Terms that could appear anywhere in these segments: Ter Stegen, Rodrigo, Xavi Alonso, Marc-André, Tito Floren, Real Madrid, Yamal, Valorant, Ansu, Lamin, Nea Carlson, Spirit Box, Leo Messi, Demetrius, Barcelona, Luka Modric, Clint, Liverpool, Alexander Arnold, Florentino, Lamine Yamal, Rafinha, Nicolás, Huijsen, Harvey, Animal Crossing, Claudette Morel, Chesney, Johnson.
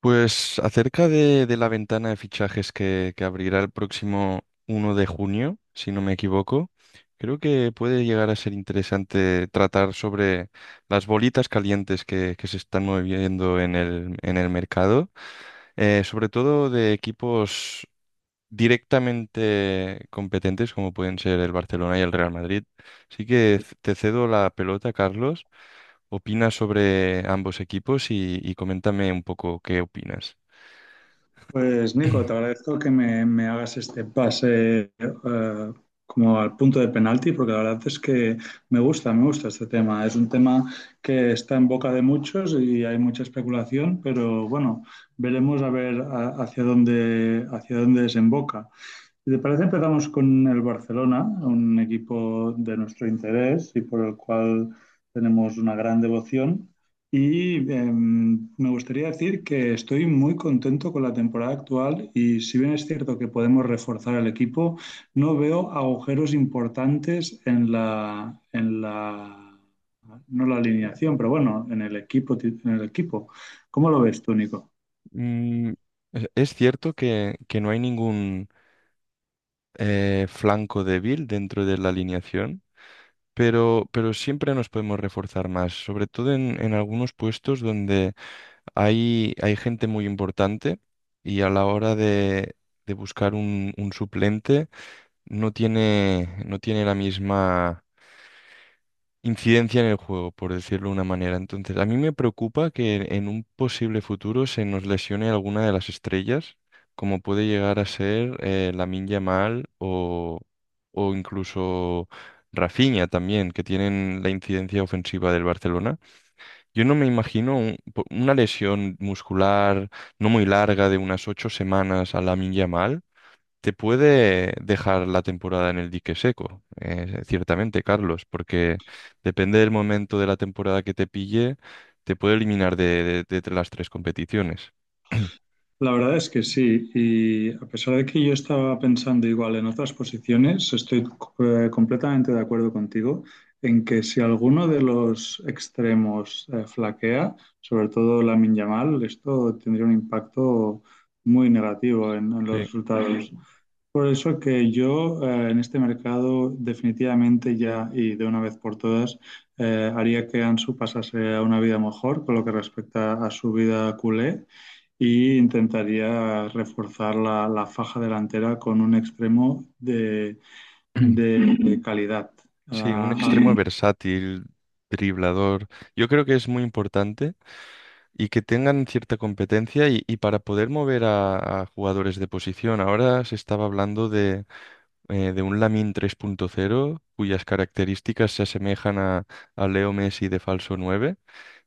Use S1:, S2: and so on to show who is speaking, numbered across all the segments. S1: Pues acerca de la ventana de fichajes que abrirá el próximo 1 de junio, si no me equivoco, creo que puede llegar a ser interesante tratar sobre las bolitas calientes que se están moviendo en el mercado, sobre todo de equipos directamente competentes como pueden ser el Barcelona y el Real Madrid. Así que te cedo la pelota, Carlos. Opina sobre ambos equipos y coméntame un poco qué opinas.
S2: Pues Nico, te agradezco que me hagas este pase como al punto de penalti, porque la verdad es que me gusta este tema. Es un tema que está en boca de muchos y hay mucha especulación, pero bueno, veremos a ver hacia hacia dónde desemboca. Si te parece, empezamos con el Barcelona, un equipo de nuestro interés y por el cual tenemos una gran devoción. Me gustaría decir que estoy muy contento con la temporada actual y si bien es cierto que podemos reforzar el equipo, no veo agujeros importantes en en la no la alineación, pero bueno, en el equipo, en el equipo. ¿Cómo lo ves tú, Nico?
S1: Mm, es cierto que no hay ningún flanco débil dentro de la alineación, pero siempre nos podemos reforzar más, sobre todo en algunos puestos donde hay gente muy importante y a la hora de buscar un suplente no tiene la misma incidencia en el juego, por decirlo de una manera. Entonces, a mí me preocupa que en un posible futuro se nos lesione alguna de las estrellas, como puede llegar a ser la Lamine Yamal o incluso Rafinha también, que tienen la incidencia ofensiva del Barcelona. Yo no me imagino una lesión muscular no muy larga de unas 8 semanas a Lamine Yamal te puede dejar la temporada en el dique seco, ciertamente, Carlos, porque depende del momento de la temporada que te pille, te puede eliminar de las tres competiciones.
S2: La verdad es que sí, y a pesar de que yo estaba pensando igual en otras posiciones, estoy completamente de acuerdo contigo en que si alguno de los extremos flaquea, sobre todo la Yamal, esto tendría un impacto muy negativo en los
S1: Sí.
S2: resultados. Por eso que yo en este mercado definitivamente ya y de una vez por todas haría que Ansu pasase a una vida mejor con lo que respecta a su vida culé y intentaría reforzar la faja delantera con un extremo de calidad.
S1: Sí, un
S2: Ah,
S1: extremo
S2: ah,
S1: versátil, driblador. Yo creo que es muy importante y que tengan cierta competencia y para poder mover a jugadores de posición. Ahora se estaba hablando de un Lamin 3.0 cuyas características se asemejan a Leo Messi de falso nueve.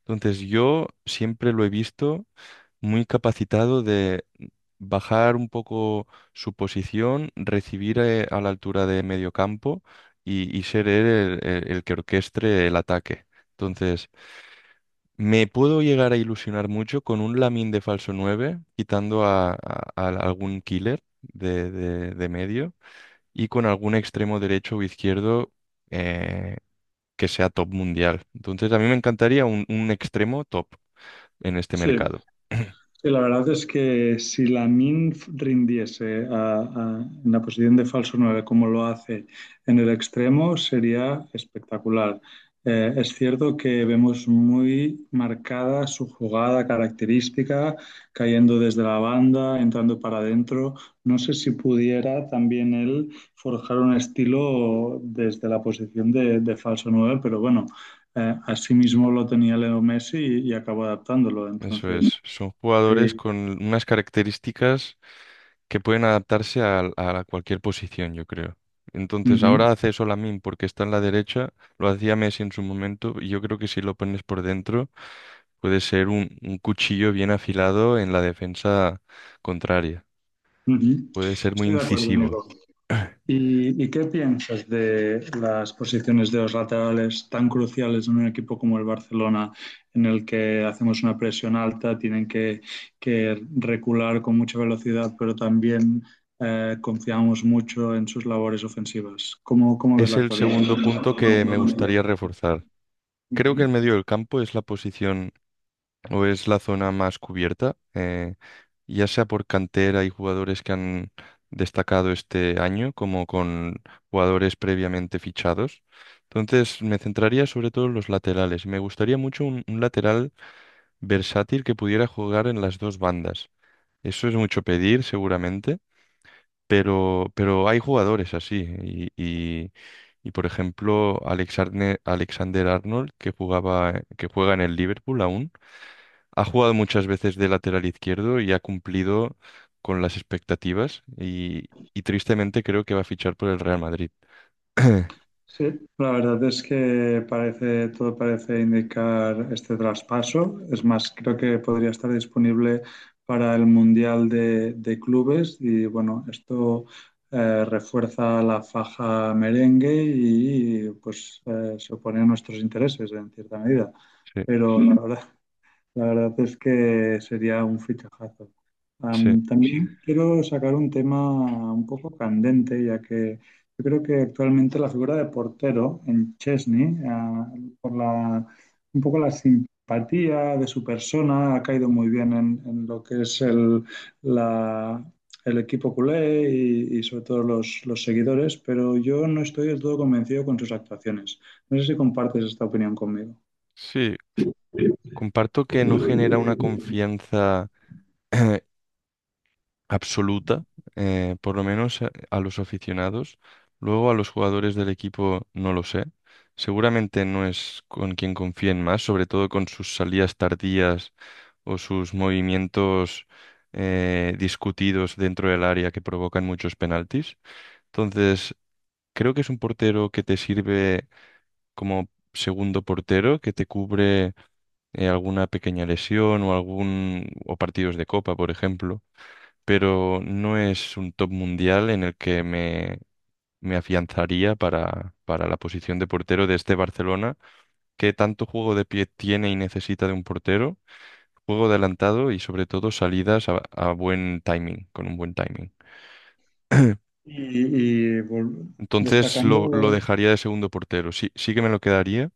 S1: Entonces yo siempre lo he visto muy capacitado de bajar un poco su posición, recibir a la altura de medio campo y ser él el que orquestre el ataque. Entonces, me puedo llegar a ilusionar mucho con un Lamin de falso 9 quitando a algún killer de medio y con algún extremo derecho o izquierdo eh, que sea top mundial. Entonces, a mí me encantaría un extremo top en este
S2: sí,
S1: mercado.
S2: sí, la verdad es que si Lamin rindiese en la posición de falso 9 como lo hace en el extremo, sería espectacular. Es cierto que vemos muy marcada su jugada característica, cayendo desde la banda, entrando para adentro. No sé si pudiera también él forjar un estilo desde la posición de falso 9, pero bueno, así mismo lo tenía Leo Messi y acabó adaptándolo.
S1: Eso
S2: Entonces.
S1: es, son jugadores con unas características que pueden adaptarse a cualquier posición, yo creo. Entonces,
S2: Ujú,
S1: ahora hace eso Lamine porque está en la derecha, lo hacía Messi en su momento, y yo creo que si lo pones por dentro, puede ser un cuchillo bien afilado en la defensa contraria.
S2: ujú.
S1: Puede ser muy
S2: Estoy de acuerdo,
S1: incisivo.
S2: Nico. Y qué piensas de las posiciones de los laterales tan cruciales en un equipo como el Barcelona, en el que hacemos una presión alta, tienen que recular con mucha velocidad, pero también confiamos mucho en sus labores ofensivas? ¿Cómo, cómo ves
S1: Es
S2: la
S1: el
S2: actualidad?
S1: segundo punto que me gustaría reforzar. Creo que el
S2: Ujú.
S1: medio del campo es la posición o es la zona más cubierta, ya sea por cantera y jugadores que han destacado este año, como con jugadores previamente fichados. Entonces me centraría sobre todo en los laterales. Me gustaría mucho un lateral versátil que pudiera jugar en las dos bandas. Eso es mucho pedir, seguramente, pero hay jugadores así. Y, y- y, por ejemplo, Alexander Arnold, que juega en el Liverpool aún. Ha jugado muchas veces de lateral izquierdo y ha cumplido con las expectativas y tristemente creo que va a fichar por el Real Madrid.
S2: Sí, la verdad es que parece, todo parece indicar este traspaso. Es más, creo que podría estar disponible para el Mundial de Clubes y bueno, esto refuerza la faja merengue y, pues se opone a nuestros intereses en cierta medida.
S1: Sí,
S2: Pero la verdad es que sería un fichajazo.
S1: sí,
S2: Am, también quiero sacar un tema un poco candente, ya que yo creo que actualmente la figura de portero en Chesney, ah, por un poco la simpatía de su persona, ha caído muy bien en lo que es la- el equipo culé y sobre todo los seguidores, pero yo no estoy del todo convencido con sus actuaciones. No sé si compartes esta opinión conmigo.
S1: sí. Comparto que no genera una confianza absoluta, por lo menos a los aficionados. Luego a los jugadores del equipo no lo sé. Seguramente no es con quien confíen más, sobre todo con sus salidas tardías o sus movimientos discutidos dentro del área que provocan muchos penaltis. Entonces, creo que es un portero que te sirve como segundo portero, que te cubre alguna pequeña lesión o algún o partidos de copa, por ejemplo, pero no es un top mundial en el que me afianzaría para la posición de portero de este Barcelona, que tanto juego de pie tiene y necesita de un portero juego adelantado y sobre todo salidas a buen timing, con un buen timing.
S2: y, y vol-
S1: Entonces lo
S2: destacando,
S1: dejaría de segundo portero. Sí, sí que me lo quedaría.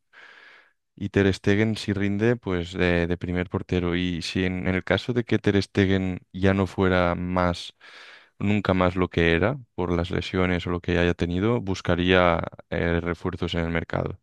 S1: Y Ter Stegen, si rinde, pues de primer portero. Y si en el caso de que Ter Stegen ya no fuera más, nunca más lo que era, por las lesiones o lo que haya tenido, buscaría refuerzos en el mercado.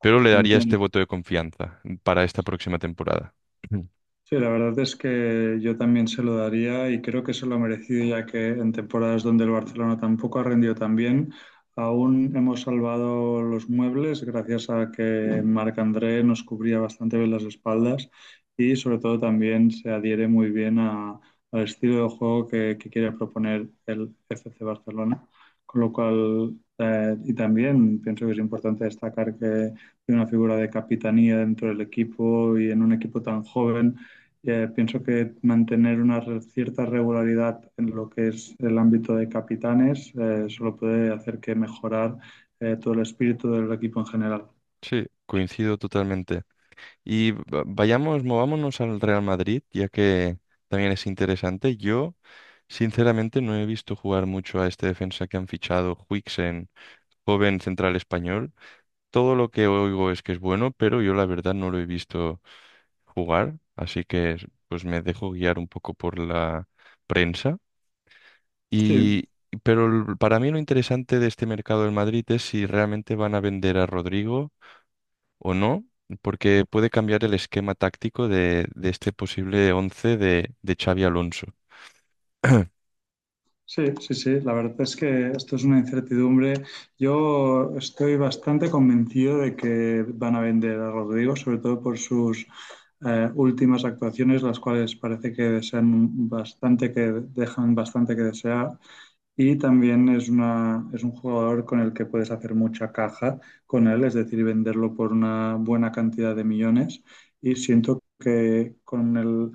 S1: Pero le daría este
S2: entiendo,
S1: voto de confianza para esta próxima temporada.
S2: sí, la verdad es que yo también se lo daría y creo que se lo ha merecido ya que en temporadas donde el Barcelona tampoco ha rendido tan bien, aún hemos salvado los muebles gracias a que Marc-André nos cubría bastante bien las espaldas y sobre todo también se adhiere muy bien al estilo de juego que quiere proponer el FC Barcelona. Con lo cual, y también pienso que es importante destacar que tiene una figura de capitanía dentro del equipo y en un equipo tan joven pienso que mantener una cierta regularidad en lo que es el ámbito de capitanes solo puede hacer que mejorar todo el espíritu del equipo en general.
S1: Sí, coincido totalmente. Y vayamos, movámonos al Real Madrid, ya que también es interesante. Yo, sinceramente, no he visto jugar mucho a este defensa que han fichado, Huijsen, joven central español. Todo lo que oigo es que es bueno, pero yo la verdad no lo he visto jugar, así que pues me dejo guiar un poco por la prensa.
S2: Sí,
S1: Y pero para mí lo interesante de este mercado del Madrid es si realmente van a vender a Rodrigo o no, porque puede cambiar el esquema táctico de este posible 11 de Xavi Alonso.
S2: sí. La verdad es que esto es una incertidumbre. Yo estoy bastante convencido de que van a vender a Rodrigo, sobre todo por sus últimas actuaciones, las cuales parece que desean bastante, que dejan bastante que desear. Y también es es un jugador con el que puedes hacer mucha caja con él, es decir, venderlo por una buena cantidad de millones. Y siento que con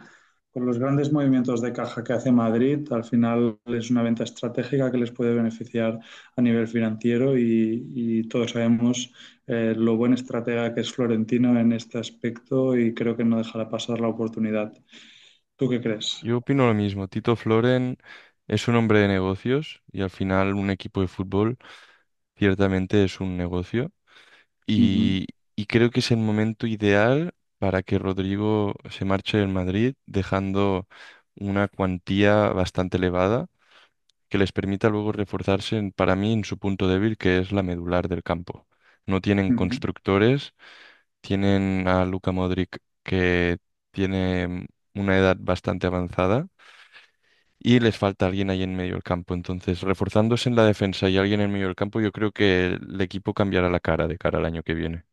S2: con los grandes movimientos de caja que hace Madrid, al final es una venta estratégica que les puede beneficiar a nivel financiero y todos sabemos lo buen estratega que es Florentino en este aspecto y creo que no dejará pasar la oportunidad. ¿Tú qué crees?
S1: Yo opino lo mismo. Tito Floren es un hombre de negocios y al final un equipo de fútbol ciertamente es un negocio
S2: Ujú,
S1: y, y creo que es el momento ideal para que Rodrigo se marche del Madrid dejando una cuantía bastante elevada que les permita luego reforzarse para mí en su punto débil que es la medular del campo. No tienen
S2: ujú.
S1: constructores. Tienen a Luka Modric que tiene una edad bastante avanzada y les falta alguien ahí en medio del campo. Entonces, reforzándose en la defensa y alguien en medio del campo, yo creo que el equipo cambiará la cara de cara al año que viene.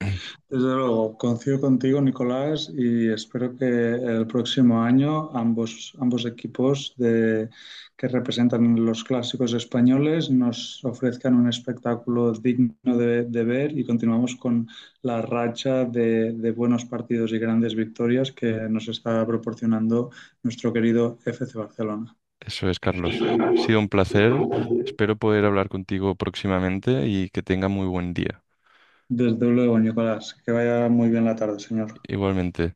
S2: Desde luego, coincido contigo, Nicolás, y espero que el próximo año ambos, ambos equipos que representan los clásicos españoles nos ofrezcan un espectáculo digno de ver y continuamos con la racha de buenos partidos y grandes victorias que nos está proporcionando nuestro querido FC Barcelona.
S1: Eso es, Carlos. Ha sido un placer. Espero poder hablar contigo próximamente y que tenga muy buen día.
S2: Desde luego, Nicolás, que vaya muy bien la tarde, señor.
S1: Igualmente.